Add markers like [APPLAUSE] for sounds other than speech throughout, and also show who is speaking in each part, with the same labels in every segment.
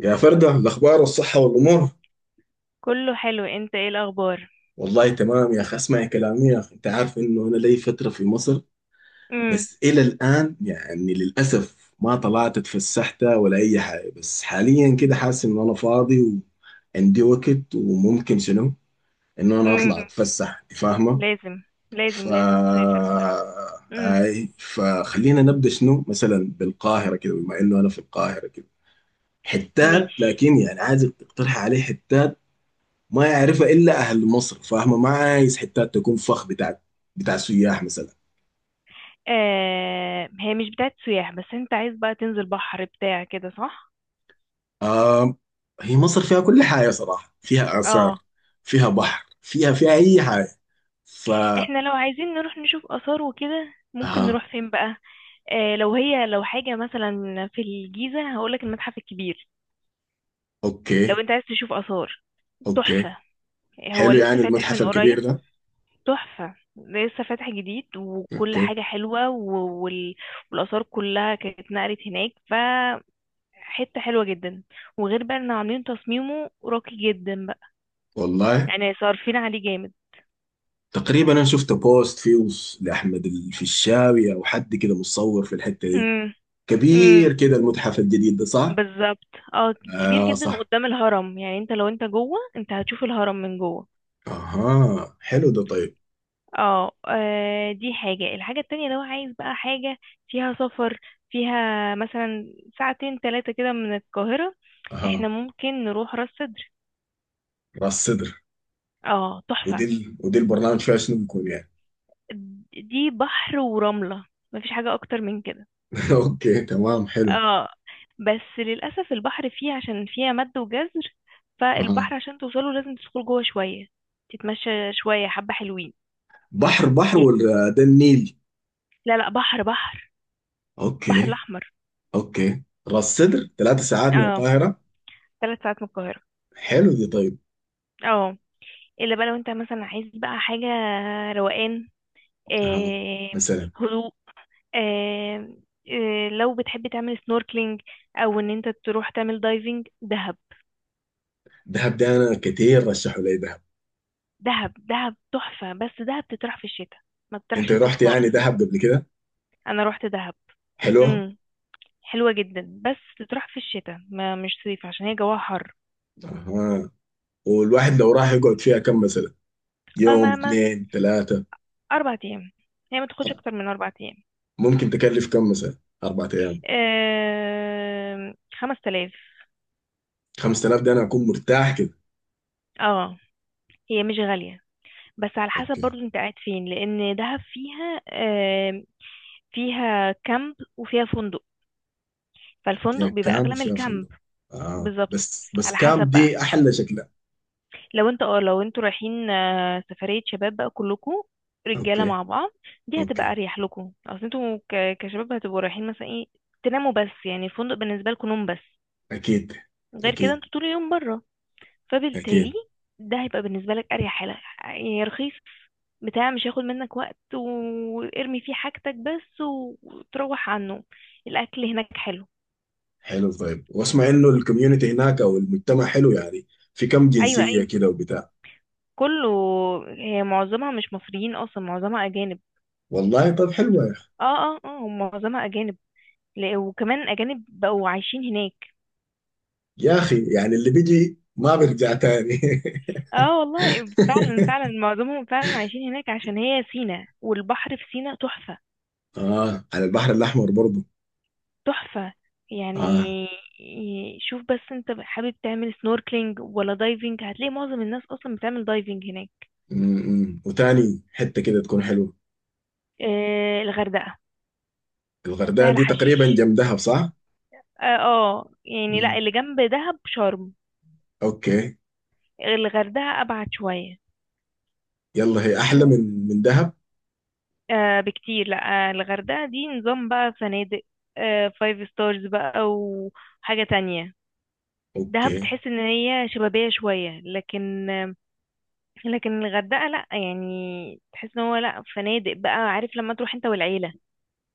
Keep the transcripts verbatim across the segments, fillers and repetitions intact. Speaker 1: يا فردة الأخبار والصحة والأمور.
Speaker 2: كله حلو، انت ايه الاخبار؟
Speaker 1: والله تمام يا أخي، اسمعي كلامي يا أخي، أنت عارف إنه أنا لي فترة في مصر.
Speaker 2: امم
Speaker 1: بس إلى الآن يعني للأسف ما طلعت اتفسحت ولا أي حاجة، بس حاليا كده حاسس إنه أنا فاضي وعندي وقت وممكن شنو إنه أنا أطلع
Speaker 2: امم
Speaker 1: أتفسح، أنت فاهمة؟
Speaker 2: لازم،
Speaker 1: ف
Speaker 2: لازم لازم تسافر بصراحة. امم
Speaker 1: أي، فخلينا نبدأ شنو مثلا بالقاهرة كده، بما إنه أنا في القاهرة كده. حتات،
Speaker 2: ماشي.
Speaker 1: لكن يعني عايزك تقترح عليه حتات ما يعرفها الا اهل مصر، فاهمه؟ ما عايز حتات تكون فخ بتاع بتاع سياح مثلا.
Speaker 2: آه، هي مش بتاعت سياح، بس انت عايز بقى تنزل بحر بتاع كده، صح؟
Speaker 1: آه، هي مصر فيها كل حاجه صراحه، فيها اثار،
Speaker 2: اه.
Speaker 1: فيها بحر، فيها فيها اي حاجه. ف
Speaker 2: احنا لو عايزين نروح نشوف آثار وكده، ممكن
Speaker 1: اها.
Speaker 2: نروح فين بقى؟ آه، لو هي لو حاجة مثلا في الجيزة، هقولك المتحف الكبير. لو
Speaker 1: اوكي،
Speaker 2: انت عايز تشوف آثار،
Speaker 1: اوكي،
Speaker 2: تحفة. هو
Speaker 1: حلو
Speaker 2: لسه
Speaker 1: يعني
Speaker 2: فاتح
Speaker 1: المتحف
Speaker 2: من قريب.
Speaker 1: الكبير ده.
Speaker 2: تحفة، لسه فاتح جديد وكل
Speaker 1: اوكي.
Speaker 2: حاجة حلوة و- وال... والآثار كلها كانت اتنقلت هناك. ف حتة حلوة جدا. وغير بقى ان عاملين تصميمه راقي جدا بقى،
Speaker 1: والله
Speaker 2: يعني صارفين عليه جامد.
Speaker 1: تقريبا انا شفت بوست فيه لاحمد الفيشاوي او حد كده مصور في الحته دي،
Speaker 2: امم امم
Speaker 1: كبير كده المتحف الجديد ده صح؟
Speaker 2: بالظبط. اه. كبير
Speaker 1: اه
Speaker 2: جدا
Speaker 1: صح.
Speaker 2: قدام الهرم، يعني انت لو انت جوه، انت هتشوف الهرم من جوه.
Speaker 1: اها، حلو ده طيب.
Speaker 2: اه، آه، دي حاجة. الحاجة التانية لو عايز بقى حاجة فيها سفر، فيها مثلا ساعتين تلاتة كده من القاهرة،
Speaker 1: اها،
Speaker 2: احنا ممكن نروح راس سدر.
Speaker 1: راس صدر.
Speaker 2: اه، تحفة.
Speaker 1: ودي ال... ودي البرنامج فيها شنو بيكون يعني؟
Speaker 2: دي بحر ورملة، مفيش حاجة اكتر من كده.
Speaker 1: [LAUGHS] اوكي تمام حلو.
Speaker 2: اه، بس للأسف البحر فيه عشان فيها مد وجزر،
Speaker 1: آه.
Speaker 2: فالبحر عشان توصله لازم تدخل جوه شوية، تتمشى شوية حبة حلوين.
Speaker 1: بحر بحر
Speaker 2: ي-
Speaker 1: ولا ده النيل؟
Speaker 2: لا، لا، بحر بحر. بحر
Speaker 1: اوكي.
Speaker 2: الأحمر.
Speaker 1: اوكي، راس سدر ثلاث ساعات من
Speaker 2: اه،
Speaker 1: القاهرة.
Speaker 2: ثلاث ساعات من القاهرة.
Speaker 1: حلو دي طيب.
Speaker 2: اه، إلا بقى لو انت مثلا عايز بقى حاجة روقان،
Speaker 1: آه.
Speaker 2: آه
Speaker 1: مثلا
Speaker 2: هدوء. آه آه، لو بتحب تعمل سنوركلينج أو إن انت تروح تعمل دايفنج، دهب.
Speaker 1: دهب. ده انا كتير رشحوا لي دهب.
Speaker 2: دهب، دهب تحفة، بس دهب تطرح في الشتاء، ما
Speaker 1: انت
Speaker 2: تطرحش صيف
Speaker 1: رحت يعني
Speaker 2: خالص.
Speaker 1: دهب قبل كده؟
Speaker 2: انا روحت دهب.
Speaker 1: حلوة.
Speaker 2: امم حلوة جدا بس تطرح في الشتاء، ما مش صيف عشان هي جواها حر.
Speaker 1: آه. والواحد لو راح يقعد فيها كم مثلا؟ يوم،
Speaker 2: اما ما
Speaker 1: اثنين، ثلاثة؟
Speaker 2: اربع ايام. هي ما تاخدش اكتر من اربع ايام.
Speaker 1: ممكن تكلف كم مثلا أربعة أيام؟
Speaker 2: أه... خمس تلاف.
Speaker 1: خمس تلاف، ده أنا أكون مرتاح كده.
Speaker 2: اه، هي مش غالية، بس على حسب
Speaker 1: أوكي.
Speaker 2: برضو انت قاعد فين لان دهب فيها أه... فيها كامب وفيها فندق، فالفندق
Speaker 1: فيها
Speaker 2: بيبقى
Speaker 1: كام
Speaker 2: اغلى من
Speaker 1: وفيها فندق.
Speaker 2: الكامب.
Speaker 1: اه
Speaker 2: بالظبط،
Speaker 1: بس بس
Speaker 2: على حسب
Speaker 1: كام
Speaker 2: بقى.
Speaker 1: دي احلى شكلها.
Speaker 2: لو انت اه لو انتوا رايحين، آه، سفرية شباب بقى كلكم، رجالة
Speaker 1: اوكي.
Speaker 2: مع بعض. دي هتبقى
Speaker 1: اوكي.
Speaker 2: اريح لكم، اصل انتوا ك- كشباب هتبقوا رايحين مثلا ايه تناموا، بس يعني الفندق بالنسبة لكم نوم بس.
Speaker 1: اكيد.
Speaker 2: غير كده
Speaker 1: اكيد.
Speaker 2: انتوا طول اليوم بره، فبالتالي
Speaker 1: اكيد.
Speaker 2: ده هيبقى بالنسبة لك اريح حاجة، يعني رخيص بتاع، مش هياخد منك وقت وارمي فيه حاجتك بس و- وتروح عنه. الاكل هناك حلو.
Speaker 1: حلو طيب، واسمع انه الكوميونتي هناك او المجتمع حلو يعني؟ في كم
Speaker 2: ايوه،
Speaker 1: جنسية
Speaker 2: ايوه،
Speaker 1: كده وبتاع؟
Speaker 2: كله. هي معظمها مش مصريين، اصلا معظمها اجانب.
Speaker 1: والله طب حلوة يا اخي.
Speaker 2: اه، اه، اه، هم معظمها اجانب. ل- وكمان أجانب بقوا عايشين هناك.
Speaker 1: يا اخي يعني اللي بيجي ما بيرجع تاني. [LAUGHS]
Speaker 2: اه والله، فعلا فعلا معظمهم فعلا عايشين هناك عشان هي سينا، والبحر في سينا تحفة،
Speaker 1: اه على البحر الاحمر برضه.
Speaker 2: تحفة يعني.
Speaker 1: اه.
Speaker 2: ي- شوف بس، انت حابب تعمل سنوركلينج ولا دايفنج؟ هتلاقي معظم الناس اصلا بتعمل دايفنج هناك.
Speaker 1: امم، وتاني حتة كده تكون حلوة؟
Speaker 2: آه، الغردقة،
Speaker 1: الغردقة
Speaker 2: سهل
Speaker 1: دي تقريبا
Speaker 2: حشيش.
Speaker 1: جنب دهب صح؟
Speaker 2: اه آه، يعني لا،
Speaker 1: امم.
Speaker 2: اللي جنب دهب شرم.
Speaker 1: اوكي.
Speaker 2: الغردقة ابعد شوية.
Speaker 1: يلا هي احلى من من دهب.
Speaker 2: آه بكتير. لا، آه الغردقة دي نظام بقى فنادق، آه فايف ستارز بقى وحاجة تانية. دهب
Speaker 1: اوكي.
Speaker 2: بتحس ان هي شبابية شوية، لكن آه لكن الغردقة لا يعني، تحس ان هو لا فنادق بقى، عارف لما تروح انت والعيلة،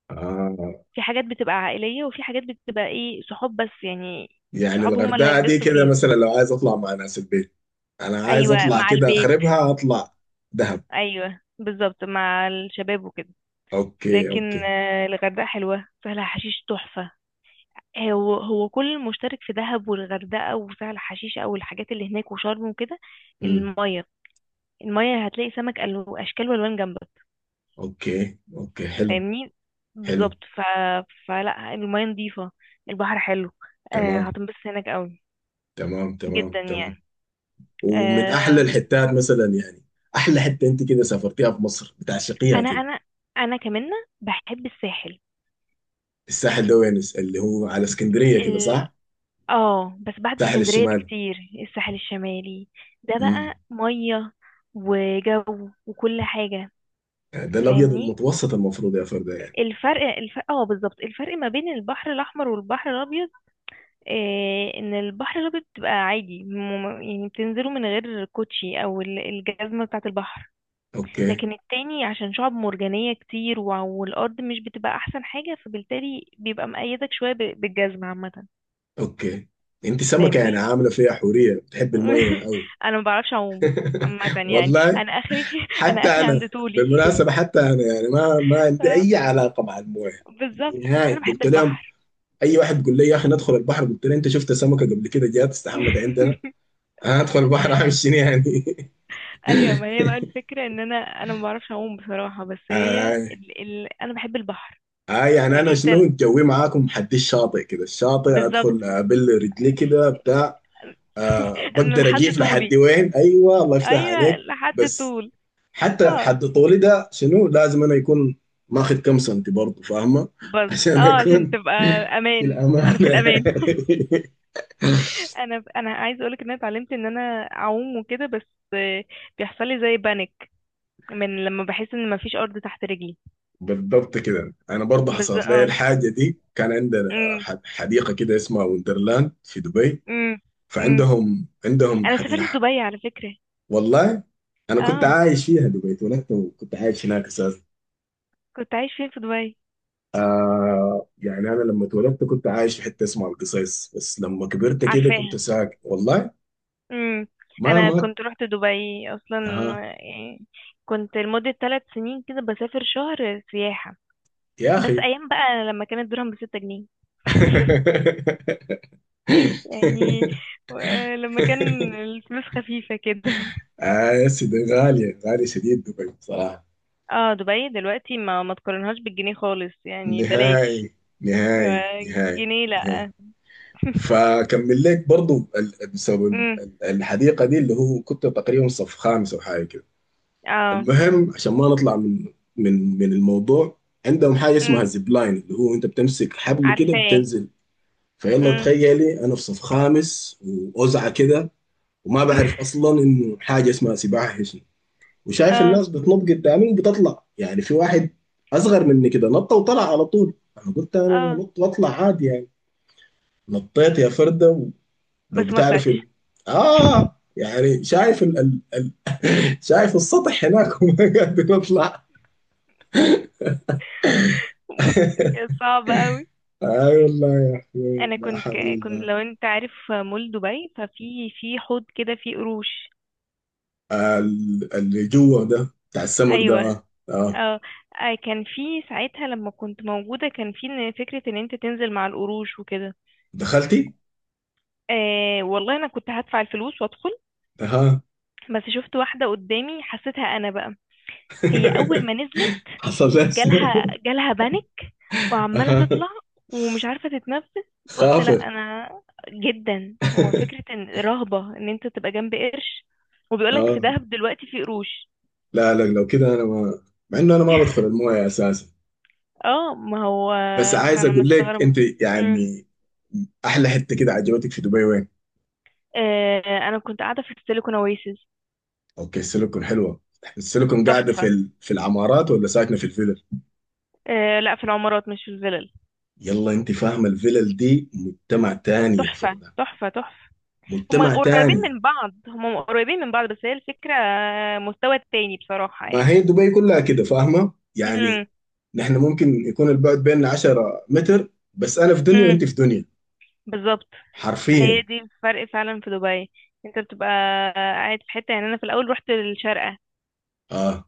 Speaker 1: آه
Speaker 2: في حاجات بتبقى عائلية، وفي حاجات بتبقى ايه صحاب بس يعني.
Speaker 1: يعني
Speaker 2: صحاب هم اللي
Speaker 1: الغردقة دي
Speaker 2: هينبسطوا
Speaker 1: كده
Speaker 2: فيها.
Speaker 1: مثلا لو عايز اطلع مع ناس البيت، انا عايز
Speaker 2: ايوه،
Speaker 1: اطلع
Speaker 2: مع
Speaker 1: كده
Speaker 2: البيت.
Speaker 1: اخربها اطلع. دهب.
Speaker 2: ايوه بالظبط، مع الشباب وكده.
Speaker 1: اوكي،
Speaker 2: لكن
Speaker 1: اوكي.
Speaker 2: آه الغردقة حلوة، سهلها حشيش تحفة. هو هو كل المشترك في دهب والغردقة وسهل حشيش أو الحاجات اللي هناك وشرم وكده،
Speaker 1: امم.
Speaker 2: المية. المية هتلاقي سمك ألو- أشكال وألوان جنبك.
Speaker 1: اوكي، اوكي، حلو.
Speaker 2: فاهمني،
Speaker 1: حلو.
Speaker 2: بالظبط. ف... فلا المية نظيفة، البحر حلو. آه،
Speaker 1: تمام.
Speaker 2: هتنبسط هناك قوي،
Speaker 1: تمام، تمام،
Speaker 2: جدا
Speaker 1: تمام.
Speaker 2: يعني.
Speaker 1: ومن احلى
Speaker 2: آه،
Speaker 1: الحتات مثلا يعني؟ احلى حتة انت كده سافرتيها في مصر بتعشقيها
Speaker 2: أنا
Speaker 1: كده؟
Speaker 2: أنا أنا كمان بحب الساحل.
Speaker 1: الساحل ده وين، اللي هو على اسكندرية كده
Speaker 2: ال...
Speaker 1: صح؟
Speaker 2: اه بس بعد
Speaker 1: الساحل
Speaker 2: اسكندرية
Speaker 1: الشمالي.
Speaker 2: بكتير. الساحل الشمالي، ده
Speaker 1: امم.
Speaker 2: بقى مية وجو وكل حاجة.
Speaker 1: ده الابيض
Speaker 2: فاهمني.
Speaker 1: المتوسط المفروض يا فردة يعني.
Speaker 2: الفرق الفرق اه بالظبط، الفرق ما بين البحر الاحمر والبحر الابيض. آه، ان البحر الابيض بتبقى عادي، مم- يعني بتنزلوا من غير كوتشي او ال- الجزمه بتاعه البحر.
Speaker 1: اوكي.
Speaker 2: لكن التاني عشان شعب مرجانيه كتير، وع- والارض مش بتبقى احسن حاجه، فبالتالي بيبقى مقيدك شويه ب- بالجزمه عامه.
Speaker 1: اوكي. انت سمكه يعني،
Speaker 2: فاهمني.
Speaker 1: عامله فيها حوريه بتحب الميه
Speaker 2: [LAUGHS]
Speaker 1: قوي.
Speaker 2: انا ما بعرفش اعوم. عامه
Speaker 1: [LAUGHS]
Speaker 2: يعني
Speaker 1: والله.
Speaker 2: انا اخري. [LAUGHS] انا
Speaker 1: حتى
Speaker 2: اخري
Speaker 1: انا.
Speaker 2: عند طولي.
Speaker 1: بالمناسبه
Speaker 2: [LAUGHS]
Speaker 1: حتى انا يعني ما ما عندي
Speaker 2: آه،
Speaker 1: اي علاقه مع المويه.
Speaker 2: بالظبط، بس
Speaker 1: نهائي.
Speaker 2: انا بحب
Speaker 1: قلت لهم
Speaker 2: البحر.
Speaker 1: اي واحد يقول لي يا اخي ندخل البحر قلت له انت شفت سمكه قبل كده جات استحمت عندنا؟
Speaker 2: [LAUGHS]
Speaker 1: [LAUGHS] انا ادخل البحر اعمل شنو يعني؟ [LAUGHS]
Speaker 2: ايوه، ما هي بقى الفكره ان انا انا ما بعرفش اعوم بصراحه، بس هي
Speaker 1: آي.
Speaker 2: ال... ال... انا بحب البحر.
Speaker 1: آي يعني
Speaker 2: يعني
Speaker 1: انا
Speaker 2: انت،
Speaker 1: شنو، جوي معاكم حد الشاطئ كده، الشاطئ
Speaker 2: بالظبط.
Speaker 1: ادخل ابل رجلي كده بتاع. آه
Speaker 2: [LAUGHS] انا
Speaker 1: بقدر
Speaker 2: لحد
Speaker 1: اجيف لحد
Speaker 2: طولي،
Speaker 1: وين. ايوه الله يفتح
Speaker 2: ايوه
Speaker 1: عليك.
Speaker 2: لحد
Speaker 1: بس
Speaker 2: طول.
Speaker 1: حتى
Speaker 2: اه
Speaker 1: حد طولي ده شنو، لازم انا يكون ماخذ كم سنتي برضه، فاهمه؟
Speaker 2: بس،
Speaker 1: عشان
Speaker 2: اه عشان
Speaker 1: اكون
Speaker 2: تبقى
Speaker 1: [LAUGHS] في
Speaker 2: امان، انا في
Speaker 1: الامانه.
Speaker 2: الامان.
Speaker 1: [LAUGHS]
Speaker 2: [LAUGHS] انا انا عايزه اقولك ان انا اتعلمت ان انا اعوم وكده بس. آه، بيحصل لي زي بانيك من لما بحس ان مفيش ارض تحت رجلي.
Speaker 1: بالضبط كده، انا برضه
Speaker 2: بس،
Speaker 1: حصلت لي
Speaker 2: اه
Speaker 1: الحاجه دي. كان عندنا
Speaker 2: امم.
Speaker 1: ح- حديقه كده اسمها وندرلاند في دبي.
Speaker 2: امم، امم.
Speaker 1: فعندهم عندهم
Speaker 2: انا سافرت
Speaker 1: حديقة.
Speaker 2: دبي على فكره.
Speaker 1: والله انا كنت
Speaker 2: اه،
Speaker 1: عايش فيها دبي، اتولدت وكنت عايش هناك اساسا.
Speaker 2: كنت عايش فين في دبي؟
Speaker 1: آه يعني انا لما اتولدت كنت عايش في حته اسمها القصيص، بس لما كبرت كده كنت
Speaker 2: عارفاها.
Speaker 1: ساكن والله
Speaker 2: امم انا
Speaker 1: ما
Speaker 2: كنت رحت دبي اصلا
Speaker 1: ما.
Speaker 2: يعني، كنت لمدة ثلاث سنين كده بسافر شهر سياحة،
Speaker 1: يا
Speaker 2: بس
Speaker 1: اخي. [LAUGHS]
Speaker 2: ايام بقى لما كان الدرهم بستة جنيه. [LAUGHS] يعني، و- لما كان الفلوس خفيفة كده.
Speaker 1: آه يا سيدي، غالية، غالية شديد دبي بصراحة.
Speaker 2: اه، دبي دلوقتي ما ما تقارنهاش بالجنيه خالص، يعني بلاش.
Speaker 1: نهائي. نهائي.
Speaker 2: آه،
Speaker 1: نهائي.
Speaker 2: جنيه
Speaker 1: نهائي.
Speaker 2: لا. [LAUGHS]
Speaker 1: فكمل لك برضو ال- بسبب ال-
Speaker 2: امم
Speaker 1: ال- الحديقة دي، اللي هو كنت تقريبا صف خامس أو حاجة كده.
Speaker 2: اه
Speaker 1: المهم عشان ما نطلع من من من الموضوع، عندهم حاجة اسمها
Speaker 2: امم
Speaker 1: زيب لاين، اللي هو أنت بتمسك حبل كده
Speaker 2: عارفاه.
Speaker 1: وبتنزل فيلا.
Speaker 2: امم
Speaker 1: تخيلي أنا في صف خامس وأوزعة كده وما بعرف
Speaker 2: [LAUGHS]
Speaker 1: أصلا إنه حاجة اسمها سباحة، وشايف
Speaker 2: اه،
Speaker 1: الناس بتنط قدامي وبتطلع، يعني في واحد اصغر مني كده نط وطلع على طول، انا قلت انا
Speaker 2: اه،
Speaker 1: نط واطلع عادي يعني. نطيت يا فرده ولو
Speaker 2: بس ما
Speaker 1: بتعرف
Speaker 2: طلعتش.
Speaker 1: ال... اه يعني شايف ال... ال- شايف السطح هناك [LAUGHS] وما قادر اطلع.
Speaker 2: [LAUGHS] كانت صعبة.
Speaker 1: اي والله يا اخي
Speaker 2: انا
Speaker 1: لا
Speaker 2: كنت
Speaker 1: حول
Speaker 2: ك- كنت،
Speaker 1: الله.
Speaker 2: لو انت عارف مول دبي، ففي في حوض كده فيه قروش.
Speaker 1: آه، ال- اللي جوا ده بتاع السمك ده،
Speaker 2: ايوه.
Speaker 1: اه اه.
Speaker 2: اه. آه، كان في ساعتها لما كنت موجوده، كان في إن فكره ان انت تنزل مع القروش وكده.
Speaker 1: دخلتي؟
Speaker 2: آه والله، انا كنت هدفع الفلوس وادخل،
Speaker 1: اها.
Speaker 2: بس شفت واحده قدامي حسيتها انا بقى. هي اول ما
Speaker 1: [LAUGHS]
Speaker 2: نزلت
Speaker 1: حصل لها شنو؟
Speaker 2: جالها جالها بانيك، وعماله
Speaker 1: اها.
Speaker 2: تطلع ومش عارفه تتنفس. فقلت لا
Speaker 1: خافر.
Speaker 2: انا، جدا هو فكره
Speaker 1: [LAUGHS]
Speaker 2: ان رهبه ان انت تبقى جنب قرش. وبيقولك
Speaker 1: اه
Speaker 2: في دهب دلوقتي في قروش.
Speaker 1: لا لا، لو كده انا ما، مع انه انا ما بدخل
Speaker 2: [LAUGHS]
Speaker 1: المويه اساسا،
Speaker 2: اه ما هو،
Speaker 1: بس
Speaker 2: ما
Speaker 1: عايز
Speaker 2: انا
Speaker 1: اقول لك
Speaker 2: مستغربة.
Speaker 1: انت
Speaker 2: امم
Speaker 1: يعني. احلى حته كده عجبتك في دبي وين؟
Speaker 2: آه، انا كنت قاعدة في السيليكون اويسيس.
Speaker 1: اوكي، السيليكون حلوه. السيليكون قاعده في
Speaker 2: تحفة.
Speaker 1: ال... في العمارات ولا ساكنه في الفلل؟
Speaker 2: آه لا، في العمارات مش في الفلل.
Speaker 1: يلا انت فاهمه الفلل دي مجتمع تاني يا
Speaker 2: تحفة،
Speaker 1: فرده،
Speaker 2: تحفة، تحفة. هما
Speaker 1: مجتمع
Speaker 2: قريبين
Speaker 1: تاني.
Speaker 2: من بعض، هما قريبين من بعض، بس هي الفكرة مستوى تاني بصراحة
Speaker 1: ما
Speaker 2: يعني.
Speaker 1: هي دبي كلها كده فاهمه؟ يعني
Speaker 2: امم
Speaker 1: نحن ممكن يكون البعد بيننا 10 متر، بس انا في دنيا
Speaker 2: امم
Speaker 1: وانت في دنيا،
Speaker 2: بالظبط. هي
Speaker 1: حرفيا.
Speaker 2: دي الفرق فعلا في دبي. انت بتبقى قاعد في حتة يعني، انا في الاول رحت الشارقة،
Speaker 1: اه،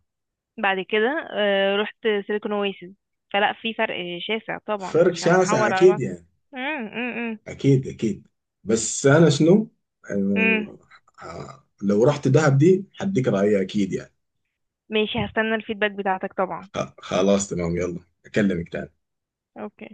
Speaker 2: بعد كده آه رحت سيليكون اويسيس، فلا في فرق شاسع طبعا،
Speaker 1: فرق
Speaker 2: مش
Speaker 1: شاسع
Speaker 2: هنحور على
Speaker 1: اكيد
Speaker 2: بعض.
Speaker 1: يعني.
Speaker 2: امم، امم،
Speaker 1: اكيد، اكيد. بس انا شنو،
Speaker 2: امم.
Speaker 1: آه، آه، لو رحت دهب دي هديك رأيي اكيد يعني.
Speaker 2: ماشي، هستنى الفيدباك بتاعتك طبعا.
Speaker 1: خ- خلاص تمام، يلا اكلمك تاني.
Speaker 2: اوكي.